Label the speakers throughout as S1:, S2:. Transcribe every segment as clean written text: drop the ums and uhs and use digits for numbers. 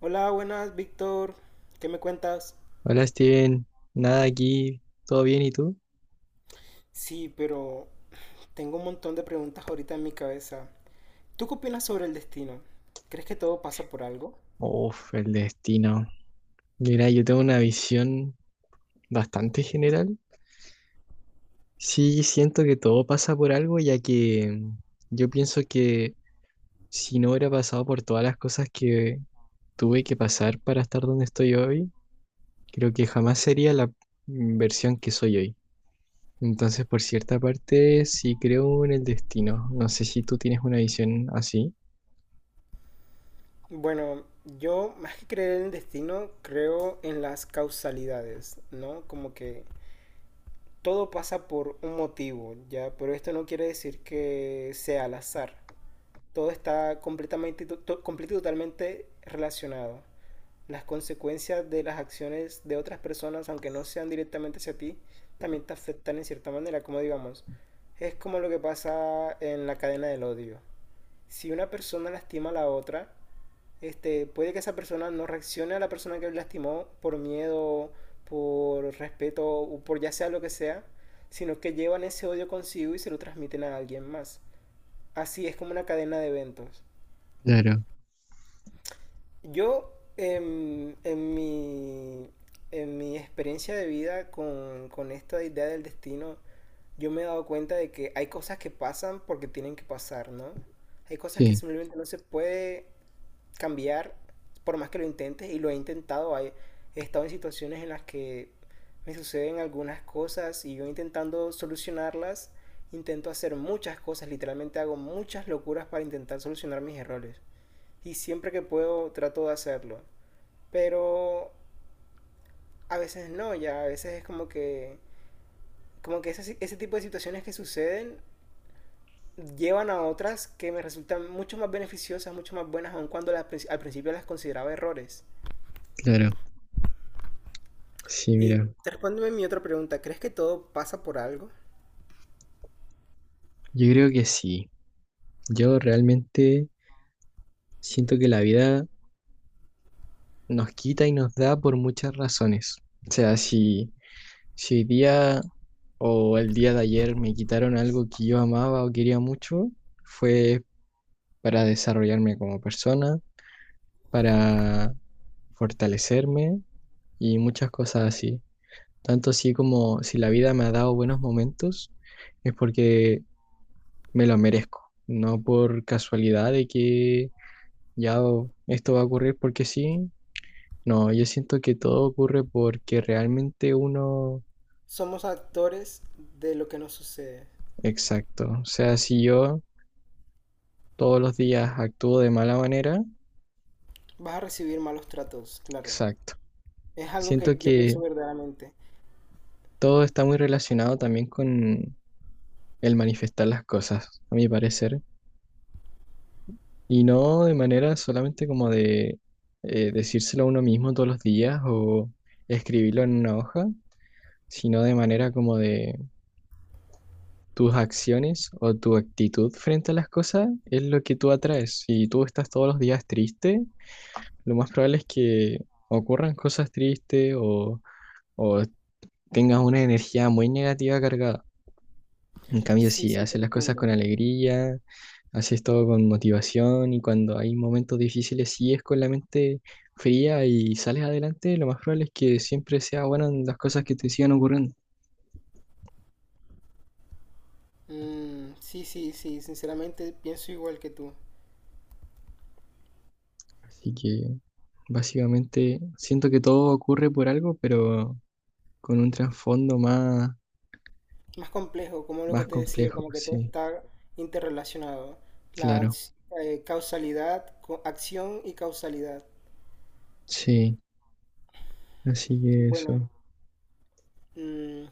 S1: Hola, buenas, Víctor. ¿Qué me cuentas?
S2: Hola Steven, nada aquí, ¿todo bien y tú?
S1: Sí, pero tengo un montón de preguntas ahorita en mi cabeza. ¿Tú qué opinas sobre el destino? ¿Crees que todo pasa por algo?
S2: Uf, el destino. Mira, yo tengo una visión bastante general. Sí, siento que todo pasa por algo, ya que yo pienso que si no hubiera pasado por todas las cosas que tuve que pasar para estar donde estoy hoy, creo que jamás sería la versión que soy hoy. Entonces, por cierta parte, sí creo en el destino. No sé si tú tienes una visión así.
S1: Bueno, yo más que creer en el destino, creo en las causalidades, ¿no? Como que todo pasa por un motivo, ¿ya? Pero esto no quiere decir que sea al azar. Todo está completamente, y completo y totalmente relacionado. Las consecuencias de las acciones de otras personas, aunque no sean directamente hacia ti, también te afectan en cierta manera, como digamos, es como lo que pasa en la cadena del odio. Si una persona lastima a la otra, este, puede que esa persona no reaccione a la persona que lastimó por miedo, por respeto o por ya sea lo que sea, sino que llevan ese odio consigo y se lo transmiten a alguien más. Así es como una cadena de eventos.
S2: Claro,
S1: Yo, en mi experiencia de vida con esta idea del destino, yo me he dado cuenta de que hay cosas que pasan porque tienen que pasar, ¿no? Hay cosas que
S2: sí,
S1: simplemente no se puede cambiar por más que lo intentes y lo he intentado. Hay, he estado en situaciones en las que me suceden algunas cosas y yo intentando solucionarlas, intento hacer muchas cosas, literalmente hago muchas locuras para intentar solucionar mis errores y siempre que puedo trato de hacerlo. Pero a veces no, ya a veces es como que ese, ese tipo de situaciones que suceden llevan a otras que me resultan mucho más beneficiosas, mucho más buenas, aun cuando las, al principio las consideraba errores.
S2: claro. Sí,
S1: Y
S2: mira.
S1: respóndeme mi otra pregunta, ¿crees que todo pasa por algo?
S2: Yo creo que sí. Yo realmente siento que la vida nos quita y nos da por muchas razones. O sea, si hoy día o el día de ayer me quitaron algo que yo amaba o quería mucho, fue para desarrollarme como persona, para fortalecerme y muchas cosas así. Tanto así como si la vida me ha dado buenos momentos, es porque me lo merezco, no por casualidad de que ya esto va a ocurrir porque sí. No, yo siento que todo ocurre porque realmente uno,
S1: Somos actores de lo que nos sucede.
S2: exacto, o sea, si yo todos los días actúo de mala manera,
S1: Vas a recibir malos tratos, claro.
S2: exacto.
S1: Es algo que
S2: Siento
S1: yo
S2: que
S1: pienso verdaderamente.
S2: todo está muy relacionado también con el manifestar las cosas, a mi parecer, y no de manera solamente como de decírselo a uno mismo todos los días o escribirlo en una hoja, sino de manera como de tus acciones o tu actitud frente a las cosas es lo que tú atraes. Si tú estás todos los días triste, lo más probable es que ocurran cosas tristes o tengas una energía muy negativa cargada. En cambio,
S1: Sí,
S2: si
S1: sí, te
S2: haces las cosas con
S1: entiendo.
S2: alegría, haces todo con motivación y cuando hay momentos difíciles sigues con la mente fría y sales adelante, lo más probable es que siempre sea bueno en las cosas que te sigan ocurriendo.
S1: Mm, sí, sí, sí, sinceramente pienso igual que tú.
S2: Así que básicamente siento que todo ocurre por algo, pero con un trasfondo más,
S1: Más complejo, como lo que
S2: más
S1: te decía,
S2: complejo,
S1: como que todo
S2: sí,
S1: está interrelacionado. La
S2: claro,
S1: ac- causalidad, acción y causalidad.
S2: sí, así que
S1: Bueno,
S2: eso,
S1: mm,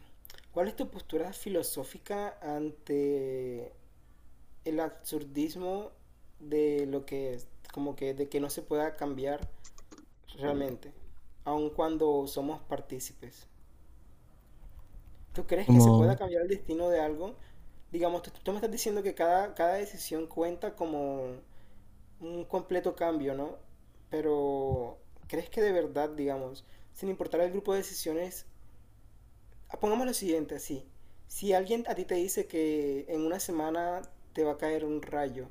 S1: ¿cuál es tu postura filosófica ante el absurdismo de lo que es? Como que de que no se pueda cambiar realmente, aun cuando somos partícipes. ¿Tú crees que se
S2: como
S1: pueda cambiar el destino de algo? Digamos, tú me estás diciendo que cada decisión cuenta como un completo cambio, ¿no? Pero, ¿crees que de verdad, digamos, sin importar el grupo de decisiones, ah, pongamos lo siguiente así, si alguien a ti te dice que en una semana te va a caer un rayo,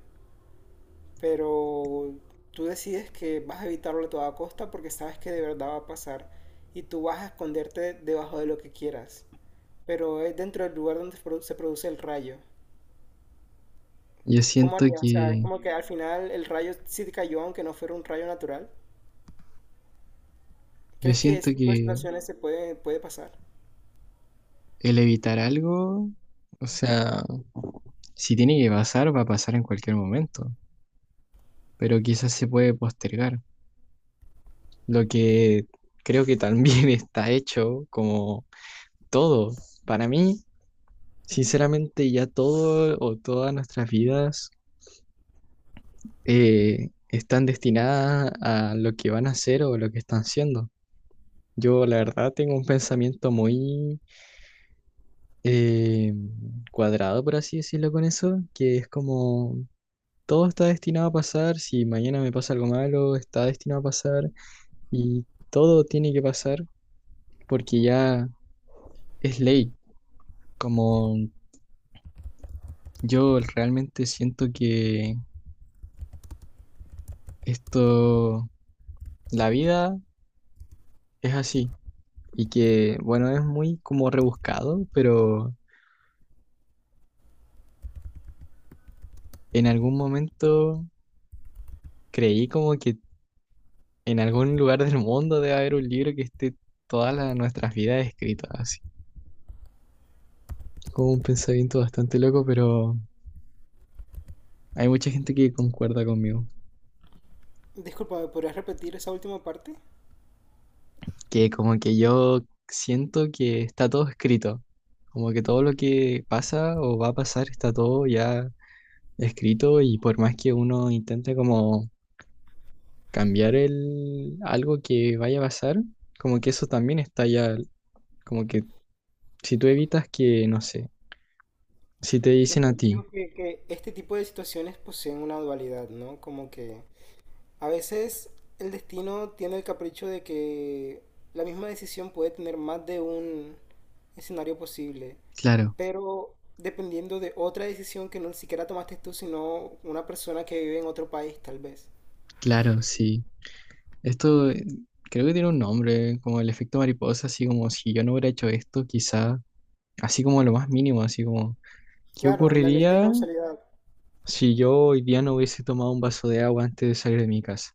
S1: pero tú decides que vas a evitarlo a toda costa porque sabes que de verdad va a pasar y tú vas a esconderte debajo de lo que quieras, pero es dentro del lugar donde se produce el rayo.
S2: yo
S1: ¿Cómo
S2: siento
S1: harías? O sea, es
S2: que,
S1: como que al final el rayo sí te cayó aunque no fuera un rayo natural.
S2: yo
S1: ¿Crees que
S2: siento
S1: ese tipo de
S2: que
S1: situaciones puede pasar?
S2: el evitar algo, o sea, si tiene que pasar, va a pasar en cualquier momento, pero quizás se puede postergar, lo que creo que también está hecho como todo, para mí, sinceramente ya todo o todas nuestras vidas están destinadas a lo que van a hacer o lo que están siendo. Yo la verdad tengo un pensamiento muy eh, cuadrado, por así decirlo, con eso, que es como todo está destinado a pasar, si mañana me pasa algo malo, está destinado a pasar y todo tiene que pasar porque ya es ley. Como yo realmente siento que esto, la vida es así y que, bueno, es muy como rebuscado, pero en algún momento creí como que en algún lugar del mundo debe haber un libro que esté todas las- nuestras vidas escritas, así. Como un pensamiento bastante loco, pero hay mucha gente que concuerda conmigo,
S1: Disculpa, ¿me podrías repetir esa última parte?
S2: que como que yo siento que está todo escrito, como que todo lo que pasa o va a pasar está todo ya escrito y por más que uno intente como cambiar el algo que vaya a pasar, como que eso también está ya, como que si tú evitas que, no sé, si te
S1: No,
S2: dicen a
S1: pues,
S2: ti,
S1: que este tipo de situaciones poseen una dualidad, ¿no? Como que, a veces, el destino tiene el capricho de que la misma decisión puede tener más de un escenario posible,
S2: claro,
S1: pero dependiendo de otra decisión que no siquiera tomaste tú, sino una persona que vive en otro país, tal vez.
S2: claro, sí. Esto creo que tiene un nombre, como el efecto mariposa, así como si yo no hubiera hecho esto, quizá, así como lo más mínimo, así como, ¿qué
S1: Claro, la ley de
S2: ocurriría
S1: causalidad.
S2: si yo hoy día no hubiese tomado un vaso de agua antes de salir de mi casa?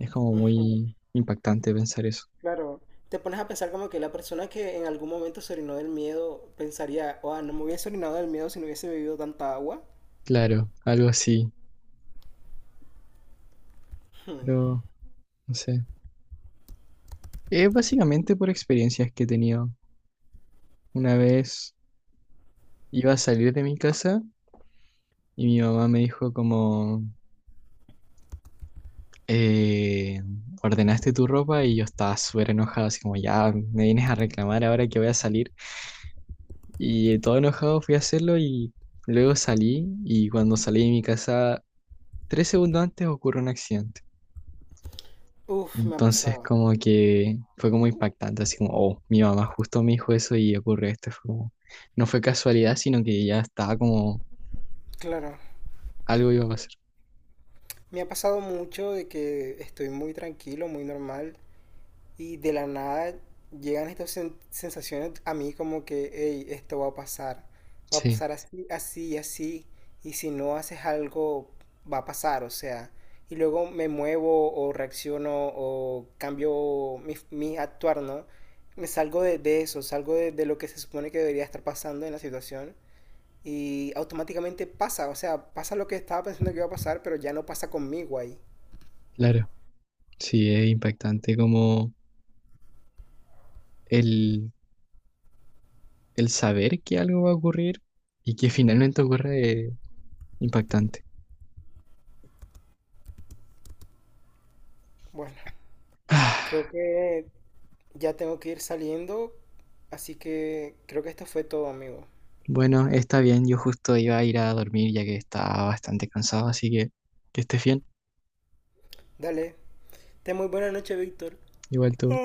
S2: Es como muy impactante pensar eso.
S1: Claro, te pones a pensar como que la persona que en algún momento se orinó del miedo pensaría, oh, no me hubiese orinado del miedo si no hubiese bebido tanta agua.
S2: Claro, algo así, pero no sé. Es básicamente por experiencias que he tenido. Una vez iba a salir de mi casa y mi mamá me dijo como... eh, ordenaste tu ropa y yo estaba súper enojado, así como ya me vienes a reclamar ahora que voy a salir. Y todo enojado fui a hacerlo y luego salí y cuando salí de mi casa, 3 segundos antes ocurre un accidente.
S1: Uf, me ha
S2: Entonces
S1: pasado.
S2: como que fue como impactante, así como, oh, mi mamá justo me dijo eso y ocurre esto. Fue como- no fue casualidad, sino que ya estaba como
S1: Claro,
S2: algo iba a pasar.
S1: me ha pasado mucho de que estoy muy tranquilo, muy normal. Y de la nada llegan estas sensaciones a mí como que, hey, esto va a pasar. Va a
S2: Sí,
S1: pasar así, así, y así. Y si no haces algo, va a pasar, o sea. Y luego me muevo o reacciono o cambio mi actuar, ¿no? Me salgo de eso, salgo de lo que se supone que debería estar pasando en la situación. Y automáticamente pasa, o sea, pasa lo que estaba pensando que iba a pasar, pero ya no pasa conmigo ahí.
S2: claro, sí, es impactante como el el saber que algo va a ocurrir y que finalmente ocurre impactante.
S1: Bueno,
S2: Ah,
S1: creo que ya tengo que ir saliendo, así que creo que esto fue todo, amigo.
S2: bueno, está bien, yo justo iba a ir a dormir ya que estaba bastante cansado, así que estés bien,
S1: Dale. Ten muy buena noche, Víctor.
S2: igual tú.